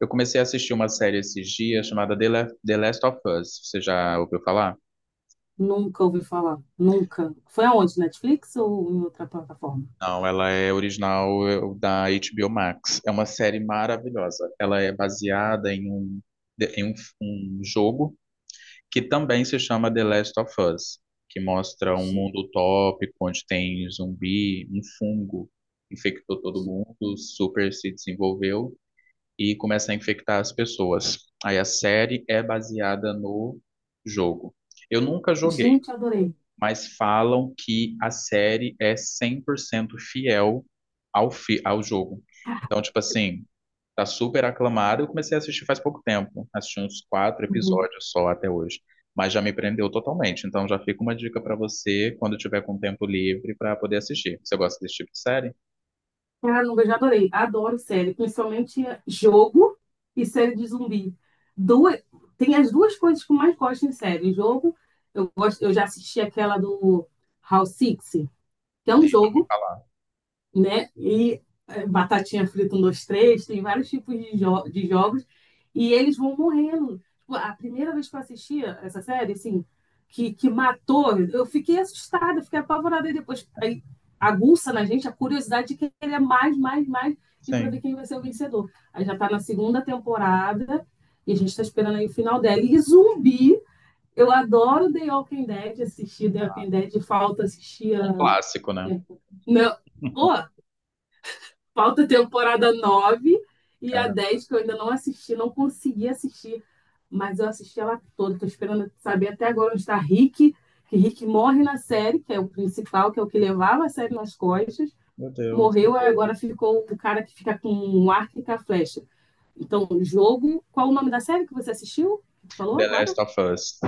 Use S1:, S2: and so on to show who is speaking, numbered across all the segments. S1: Eu comecei a assistir uma série esses dias chamada The Last of Us. Você já ouviu falar?
S2: Nunca ouvi falar. Nunca. Foi aonde? Netflix ou em outra plataforma?
S1: Não, ela é original da HBO Max. É uma série maravilhosa. Ela é baseada em um jogo que também se chama The Last of Us, que mostra um
S2: Ge-
S1: mundo utópico onde tem zumbi, um fungo infectou todo
S2: ge-
S1: mundo, super se desenvolveu e começa a infectar as pessoas. Aí a série é baseada no jogo. Eu nunca joguei,
S2: Gente, adorei.
S1: mas falam que a série é 100% fiel ao jogo. Então, tipo assim, tá super aclamada. Eu comecei a assistir faz pouco tempo, assisti uns quatro
S2: Uhum.
S1: episódios só até hoje, mas já me prendeu totalmente. Então, já fica uma dica pra você quando tiver com tempo livre pra poder assistir. Você gosta desse tipo de série?
S2: Cara, não vejo, adorei. Adoro série, principalmente jogo e série de zumbi. Duas, tem as duas coisas que eu mais gosto em série. Jogo, eu gosto, eu já assisti aquela do House Six, que é um
S1: Sim.
S2: jogo, né? E é, batatinha frita, um, dois, três, tem vários tipos de jogos, e eles vão morrendo. Tipo, a primeira vez que eu assistia essa série, assim, que matou, eu fiquei assustada, fiquei apavorada, e depois aí, aguça na gente a curiosidade de que ele é mais, mais, mais, e para ver
S1: Sim.
S2: quem vai ser o vencedor. Aí já está na segunda temporada, e a gente está esperando aí o final dela. E zumbi, eu adoro The Walking Dead, assistir The Walking Dead, falta assistir a.
S1: Um clássico, né?
S2: Não, oh, falta a temporada 9 e a
S1: Cara,
S2: 10 que eu ainda não assisti, não consegui assistir. Mas eu assisti ela toda. Tô esperando saber até agora onde está Rick. Que Rick morre na série, que é o principal, que é o que levava a série nas costas.
S1: meu Deus.
S2: Morreu e agora ficou o cara que fica com o arco e com a flecha. Então, o jogo. Qual o nome da série que você assistiu? Tu falou
S1: The
S2: agora?
S1: Last of Us.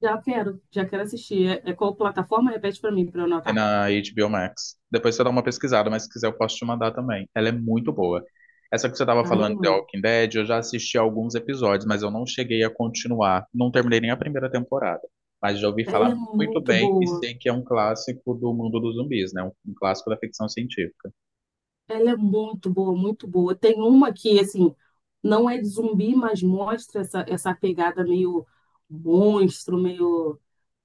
S2: Já quero assistir. É qual plataforma? Repete para mim, para eu
S1: É
S2: anotar.
S1: na HBO Max. Depois você dá uma pesquisada, mas se quiser eu posso te mandar também. Ela é muito boa. Essa que você estava
S2: Ai,
S1: falando, The
S2: mano.
S1: Walking Dead, eu já assisti alguns episódios, mas eu não cheguei a continuar. Não terminei nem a primeira temporada. Mas já ouvi
S2: Ela é
S1: falar muito
S2: muito
S1: bem e
S2: boa.
S1: sei que é um clássico do mundo dos zumbis, né? Um clássico da ficção científica.
S2: Ela é muito boa, muito boa. Tem uma que, assim, não é de zumbi, mas mostra essa pegada meio monstro, meio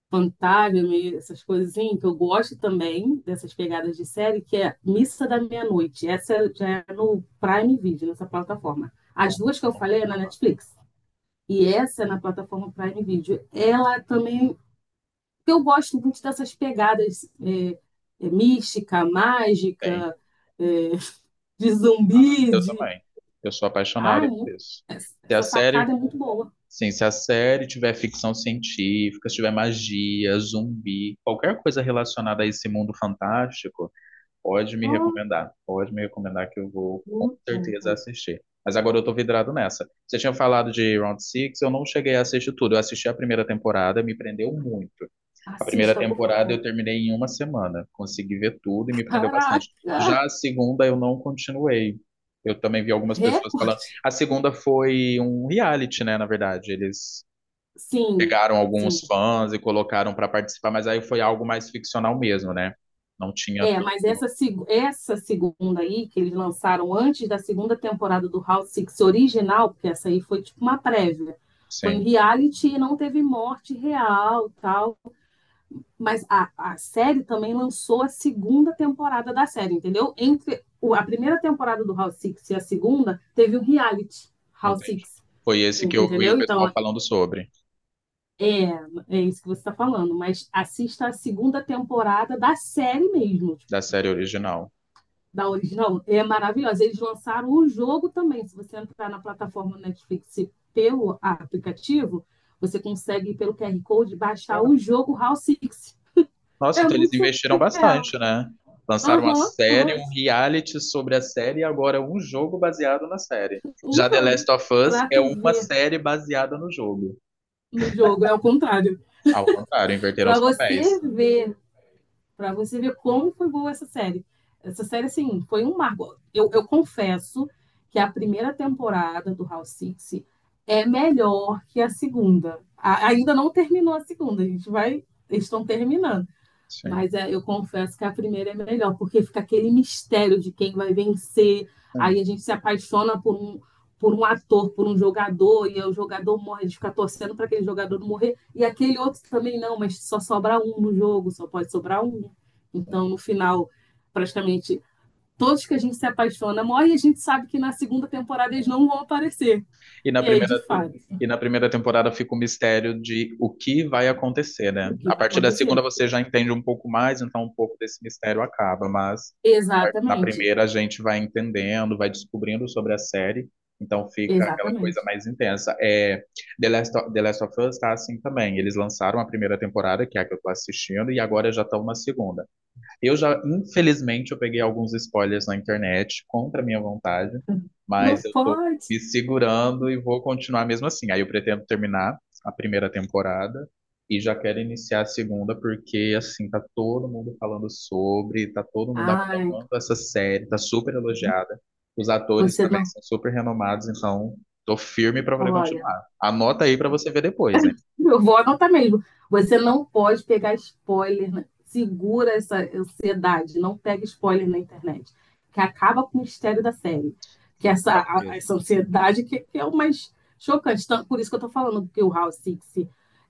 S2: fantasma, meio essas coisinhas, que eu gosto também dessas pegadas de série, que é Missa da Meia-Noite. Essa já é no Prime Video, nessa plataforma. As
S1: Não,
S2: duas que
S1: não
S2: eu
S1: vou
S2: falei é na
S1: falar.
S2: Netflix. E essa é na plataforma Prime Video. Ela também. Eu gosto muito dessas pegadas mística,
S1: Tem.
S2: mágica é, de zumbi,
S1: Eu
S2: de.
S1: também. Eu sou
S2: Ah,
S1: apaixonado
S2: é
S1: por
S2: muito,
S1: isso. Se a
S2: essa
S1: série
S2: sacada é muito boa.
S1: Sim, se a série tiver ficção científica, se tiver magia, zumbi, qualquer coisa relacionada a esse mundo fantástico, pode me
S2: Oh,
S1: recomendar. Pode me recomendar que eu vou com
S2: muito bom, muito
S1: certeza
S2: bom.
S1: assistir. Mas agora eu tô vidrado nessa. Você tinha falado de Round Six, eu não cheguei a assistir tudo. Eu assisti a primeira temporada, me prendeu muito. A primeira
S2: Assista, por
S1: temporada
S2: favor.
S1: eu terminei em uma semana, consegui ver tudo e me prendeu bastante.
S2: Caraca!
S1: Já a segunda eu não continuei. Eu também vi algumas pessoas falando.
S2: Recorde!
S1: A segunda foi um reality, né, na verdade. Eles
S2: Sim,
S1: pegaram
S2: sim.
S1: alguns fãs e colocaram para participar, mas aí foi algo mais ficcional mesmo, né? Não tinha
S2: É, mas
S1: tanto,
S2: essa segunda aí, que eles lançaram antes da segunda temporada do House Six original, porque essa aí foi tipo uma prévia. Foi em
S1: sim,
S2: reality e não teve morte real, tal. Mas a série também lançou a segunda temporada da série, entendeu? Entre a primeira temporada do House Six e a segunda, teve o reality House
S1: entendi.
S2: Six,
S1: Foi esse que eu vi o
S2: entendeu?
S1: pessoal
S2: Então,
S1: falando sobre,
S2: é, é isso que você está falando. Mas assista a segunda temporada da série mesmo, tipo,
S1: da série original.
S2: da original. É maravilhosa. Eles lançaram o jogo também. Se você entrar na plataforma Netflix pelo aplicativo, você consegue, pelo QR Code, baixar o jogo House Six.
S1: Nossa,
S2: É
S1: então eles
S2: muito
S1: investiram
S2: surreal.
S1: bastante, né? Lançaram
S2: Aham,
S1: uma
S2: uhum,
S1: série,
S2: aham. Uhum.
S1: um reality sobre a série e agora um jogo baseado na série.
S2: Um
S1: Já The
S2: jogo.
S1: Last of Us
S2: Pra
S1: é
S2: tu
S1: uma
S2: ver
S1: série baseada no jogo.
S2: no jogo, é o contrário.
S1: Ao contrário, inverteram
S2: Pra
S1: os
S2: você
S1: papéis.
S2: ver, pra você ver como foi boa essa série. Essa série, assim, foi um marco. Eu confesso que a primeira temporada do House Six é melhor que a segunda. Ainda não terminou a segunda, a gente vai. Eles estão terminando.
S1: Sim,
S2: Mas é, eu confesso que a primeira é melhor, porque fica aquele mistério de quem vai vencer.
S1: sim,
S2: Aí a gente se apaixona por um, ator, por um jogador, e o jogador morre, a gente fica torcendo para aquele jogador não morrer, e aquele outro também não, mas só sobra um no jogo, só pode sobrar um.
S1: sim.
S2: Então, no final, praticamente todos que a gente se apaixona morrem, e a gente sabe que na segunda temporada eles não vão aparecer.
S1: E na
S2: E aí,
S1: primeira,
S2: de fato,
S1: e na primeira temporada fica o mistério de o que vai acontecer, né?
S2: o que
S1: A
S2: vai
S1: partir da
S2: acontecer?
S1: segunda você já entende um pouco mais, então um pouco desse mistério acaba, mas na
S2: Exatamente,
S1: primeira a gente vai entendendo, vai descobrindo sobre a série, então fica aquela coisa
S2: exatamente.
S1: mais intensa. É, The Last of Us tá assim também. Eles lançaram a primeira temporada, que é a que eu estou assistindo, e agora já estão na segunda. Eu já, infelizmente, eu peguei alguns spoilers na internet contra a minha vontade,
S2: Não
S1: mas eu tô
S2: pode.
S1: me segurando e vou continuar mesmo assim. Aí eu pretendo terminar a primeira temporada e já quero iniciar a segunda porque assim tá todo mundo falando sobre, tá todo mundo
S2: Ai,
S1: aclamando essa série, tá super elogiada. Os atores
S2: você
S1: também
S2: não.
S1: são super renomados, então tô firme pra poder
S2: Olha,
S1: continuar. Anota aí pra você ver depois, hein?
S2: eu vou anotar mesmo. Você não pode pegar spoiler, né? Segura essa ansiedade, não pega spoiler na internet, que acaba com o mistério da série. Que
S1: Sim, tá mesmo.
S2: essa ansiedade que é o mais chocante. Então, por isso que eu estou falando que o House Six,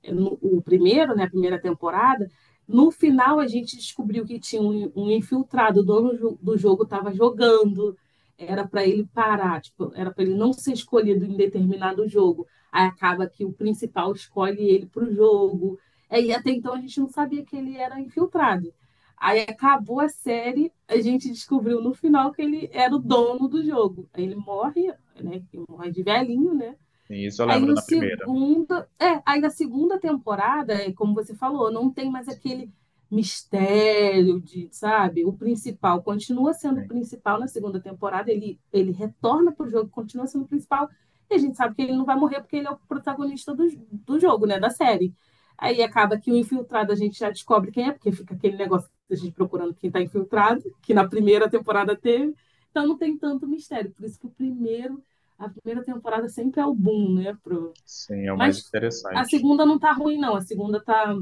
S2: o primeiro, né, a primeira temporada, no final a gente descobriu que tinha um infiltrado, o dono do jogo estava jogando, era para ele parar, tipo, era para ele não ser escolhido em determinado jogo. Aí acaba que o principal escolhe ele para o jogo. É, e até então a gente não sabia que ele era infiltrado. Aí acabou a série, a gente descobriu no final que ele era o dono do jogo. Ele morre, né? Ele morre de velhinho, né?
S1: Sim, isso eu
S2: Aí
S1: lembro
S2: no
S1: na primeira.
S2: segunda, é, Aí na segunda temporada, como você falou, não tem mais aquele mistério de, sabe, o principal continua sendo o
S1: Sim,
S2: principal na segunda temporada, ele retorna pro jogo, continua sendo o principal, e a gente sabe que ele não vai morrer porque ele é o protagonista do jogo, né, da série. Aí acaba que o infiltrado a gente já descobre quem é, porque fica aquele negócio da gente procurando quem está infiltrado, que na primeira temporada teve. Então não tem tanto mistério, por isso que o primeiro a primeira temporada sempre é o boom, né? Pro.
S1: sim, é o mais
S2: Mas a
S1: interessante.
S2: segunda não tá ruim, não. A segunda tá,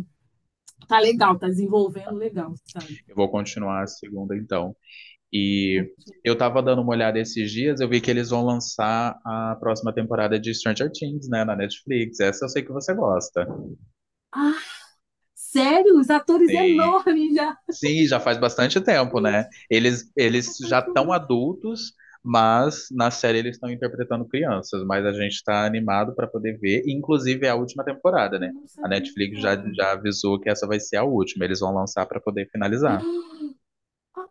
S2: tá legal, tá desenvolvendo legal, sabe?
S1: Eu vou continuar a segunda então. E eu tava dando uma olhada esses dias, eu vi que eles vão lançar a próxima temporada de Stranger Things, né, na Netflix. Essa eu sei que você gosta.
S2: Ah, sério? Os atores
S1: Sim,
S2: enormes já.
S1: sim, já faz bastante tempo, né?
S2: Gente,
S1: Eles,
S2: eu tô
S1: eles já estão
S2: apaixonada.
S1: adultos, mas na série eles estão interpretando crianças. Mas a gente tá animado para poder ver. Inclusive é a última temporada,
S2: Eu
S1: né?
S2: não
S1: A
S2: sabia.
S1: Netflix já avisou que essa vai ser a última. Eles vão lançar para poder finalizar.
S2: Ah,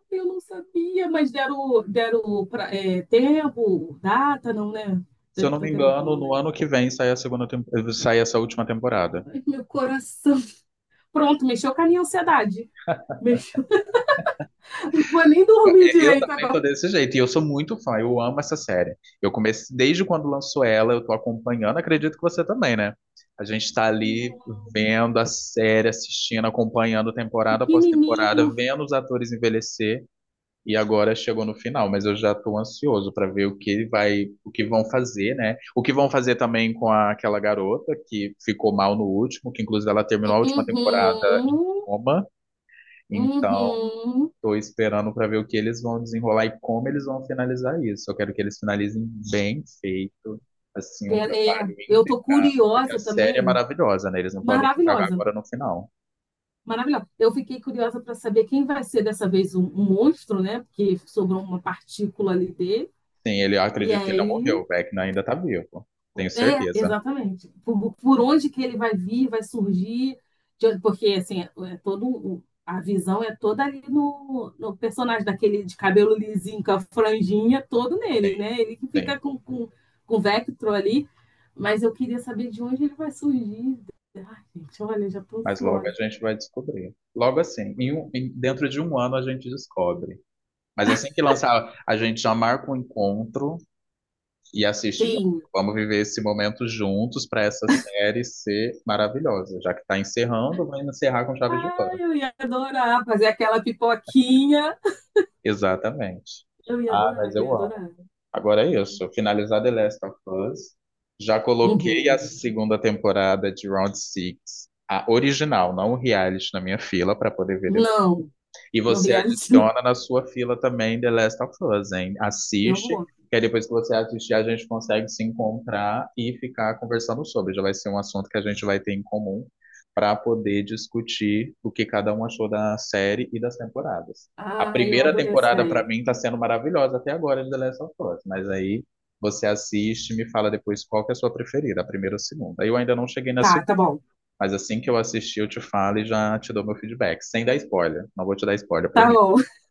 S2: eu não sabia, mas deram pra, tempo, data, não, né?
S1: Se eu
S2: Deve
S1: não
S2: estar
S1: me engano,
S2: gravando
S1: no
S2: aí.
S1: ano que vem sai a segunda, sai essa última temporada.
S2: Ai, meu coração. Pronto, mexeu com a minha ansiedade. Mexeu. Não vou nem
S1: É,
S2: dormir
S1: eu
S2: direito
S1: também tô
S2: agora.
S1: desse jeito, e eu sou muito fã, eu amo essa série. Eu comecei desde quando lançou ela, eu tô acompanhando, acredito que você também, né? A gente tá
S2: Ai,
S1: ali vendo a série, assistindo, acompanhando temporada após
S2: pequenininho.
S1: temporada, vendo os atores envelhecer. E agora chegou no final, mas eu já estou ansioso para ver o que vai, o que vão fazer, né? O que vão fazer também com aquela garota que ficou mal no último, que inclusive ela terminou a última temporada em
S2: Uhum,
S1: coma. Então,
S2: uhum.
S1: estou esperando para ver o que eles vão desenrolar e como eles vão finalizar isso. Eu quero que eles finalizem bem feito, assim, um
S2: É, é,
S1: trabalho
S2: eu
S1: íntegro,
S2: tô
S1: porque a
S2: curiosa
S1: série é
S2: também.
S1: maravilhosa, né? Eles não podem estragar
S2: Maravilhosa.
S1: agora no final.
S2: Maravilhosa. Eu fiquei curiosa para saber quem vai ser dessa vez um monstro, né? Porque sobrou uma partícula ali dele.
S1: Sim, ele, eu
S2: E
S1: acredito que ele não morreu,
S2: aí.
S1: o Vecna ainda está vivo. Tenho
S2: É,
S1: certeza.
S2: exatamente. Por onde que ele vai vir, vai surgir, porque assim, é todo a visão é toda ali no personagem daquele de cabelo lisinho, com a franjinha, todo
S1: Sim,
S2: nele, né? Ele que
S1: sim.
S2: fica com, o Vectro ali, mas eu queria saber de onde ele vai surgir. Ai, gente, olha, já tô
S1: Mas logo
S2: ansiosa.
S1: a gente vai descobrir. Logo assim, dentro de um ano a gente descobre. Mas assim que lançar, a gente já marca um encontro e assiste junto.
S2: Sim.
S1: Vamos viver esse momento juntos para essa série ser maravilhosa. Já que está encerrando, vamos encerrar com chave de
S2: Ai,
S1: ouro.
S2: eu ia adorar fazer aquela pipoquinha.
S1: Exatamente.
S2: Eu ia
S1: Ah,
S2: adorar,
S1: mas
S2: eu ia
S1: eu amo.
S2: adorar.
S1: Agora é isso. Finalizar The Last of Us. Já coloquei a
S2: Uhum.
S1: segunda temporada de Round Six, a original, não o reality, na minha fila para poder ver.
S2: Não,
S1: E
S2: não
S1: você
S2: reality não.
S1: adiciona na sua fila também The Last of Us, hein?
S2: Eu
S1: Assiste,
S2: vou.
S1: que aí depois que você assistir, a gente consegue se encontrar e ficar conversando sobre. Já vai ser um assunto que a gente vai ter em comum para poder discutir o que cada um achou da série e das temporadas. A
S2: Ah, eu
S1: primeira
S2: adorei essa
S1: temporada, para
S2: ideia.
S1: mim, está sendo maravilhosa até agora de The Last of Us, mas aí você assiste e me fala depois qual que é a sua preferida, a primeira ou a segunda. Eu ainda não cheguei na
S2: Tá,
S1: segunda.
S2: tá bom.
S1: Mas assim que eu assistir, eu te falo e já te dou meu feedback. Sem dar spoiler. Não vou te dar spoiler,
S2: Tá
S1: prometo,
S2: bom.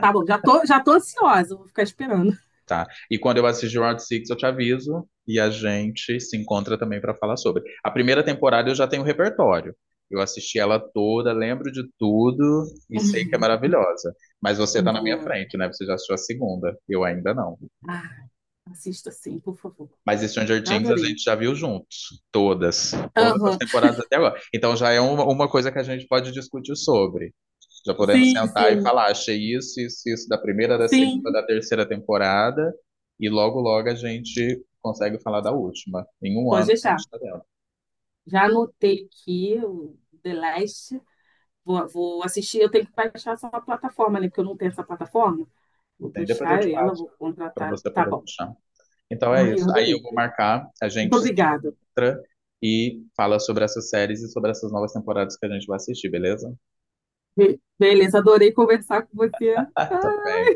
S2: Tá bom. Já tô ansiosa, vou ficar esperando.
S1: tá? E quando eu assistir o Round Six eu te aviso e a gente se encontra também para falar sobre. A primeira temporada eu já tenho repertório. Eu assisti ela toda, lembro de tudo e sei que é maravilhosa. Mas você tá
S2: Muito
S1: na minha
S2: boa.
S1: frente, né? Você já assistiu a segunda. Eu ainda não.
S2: Ah, assista sim, por favor.
S1: Mas Stranger
S2: Eu
S1: Things a
S2: adorei.
S1: gente já viu juntos. Todas. Todas as
S2: Aham.
S1: temporadas até agora. Então já é uma coisa que a gente pode discutir sobre. Já podemos
S2: Sim,
S1: sentar e
S2: sim.
S1: falar, achei isso, isso, isso da primeira, da segunda,
S2: Sim,
S1: da terceira temporada, e logo, logo a gente consegue falar da última. Em um
S2: pode
S1: ano a gente
S2: deixar.
S1: está dentro.
S2: Já anotei aqui o The Last. Vou assistir. Eu tenho que baixar essa plataforma, né? Porque eu não tenho essa plataforma. Vou
S1: E depois eu
S2: baixar
S1: te
S2: ela, vou
S1: passo para
S2: contratar.
S1: você
S2: Tá
S1: poder
S2: bom.
S1: deixar. Então é
S2: Ai,
S1: isso.
S2: eu
S1: Aí
S2: adorei.
S1: eu vou marcar, a
S2: Muito
S1: gente se
S2: obrigada.
S1: encontra e fala sobre essas séries e sobre essas novas temporadas que a gente vai assistir, beleza?
S2: Beleza, adorei conversar com você.
S1: Tá bem.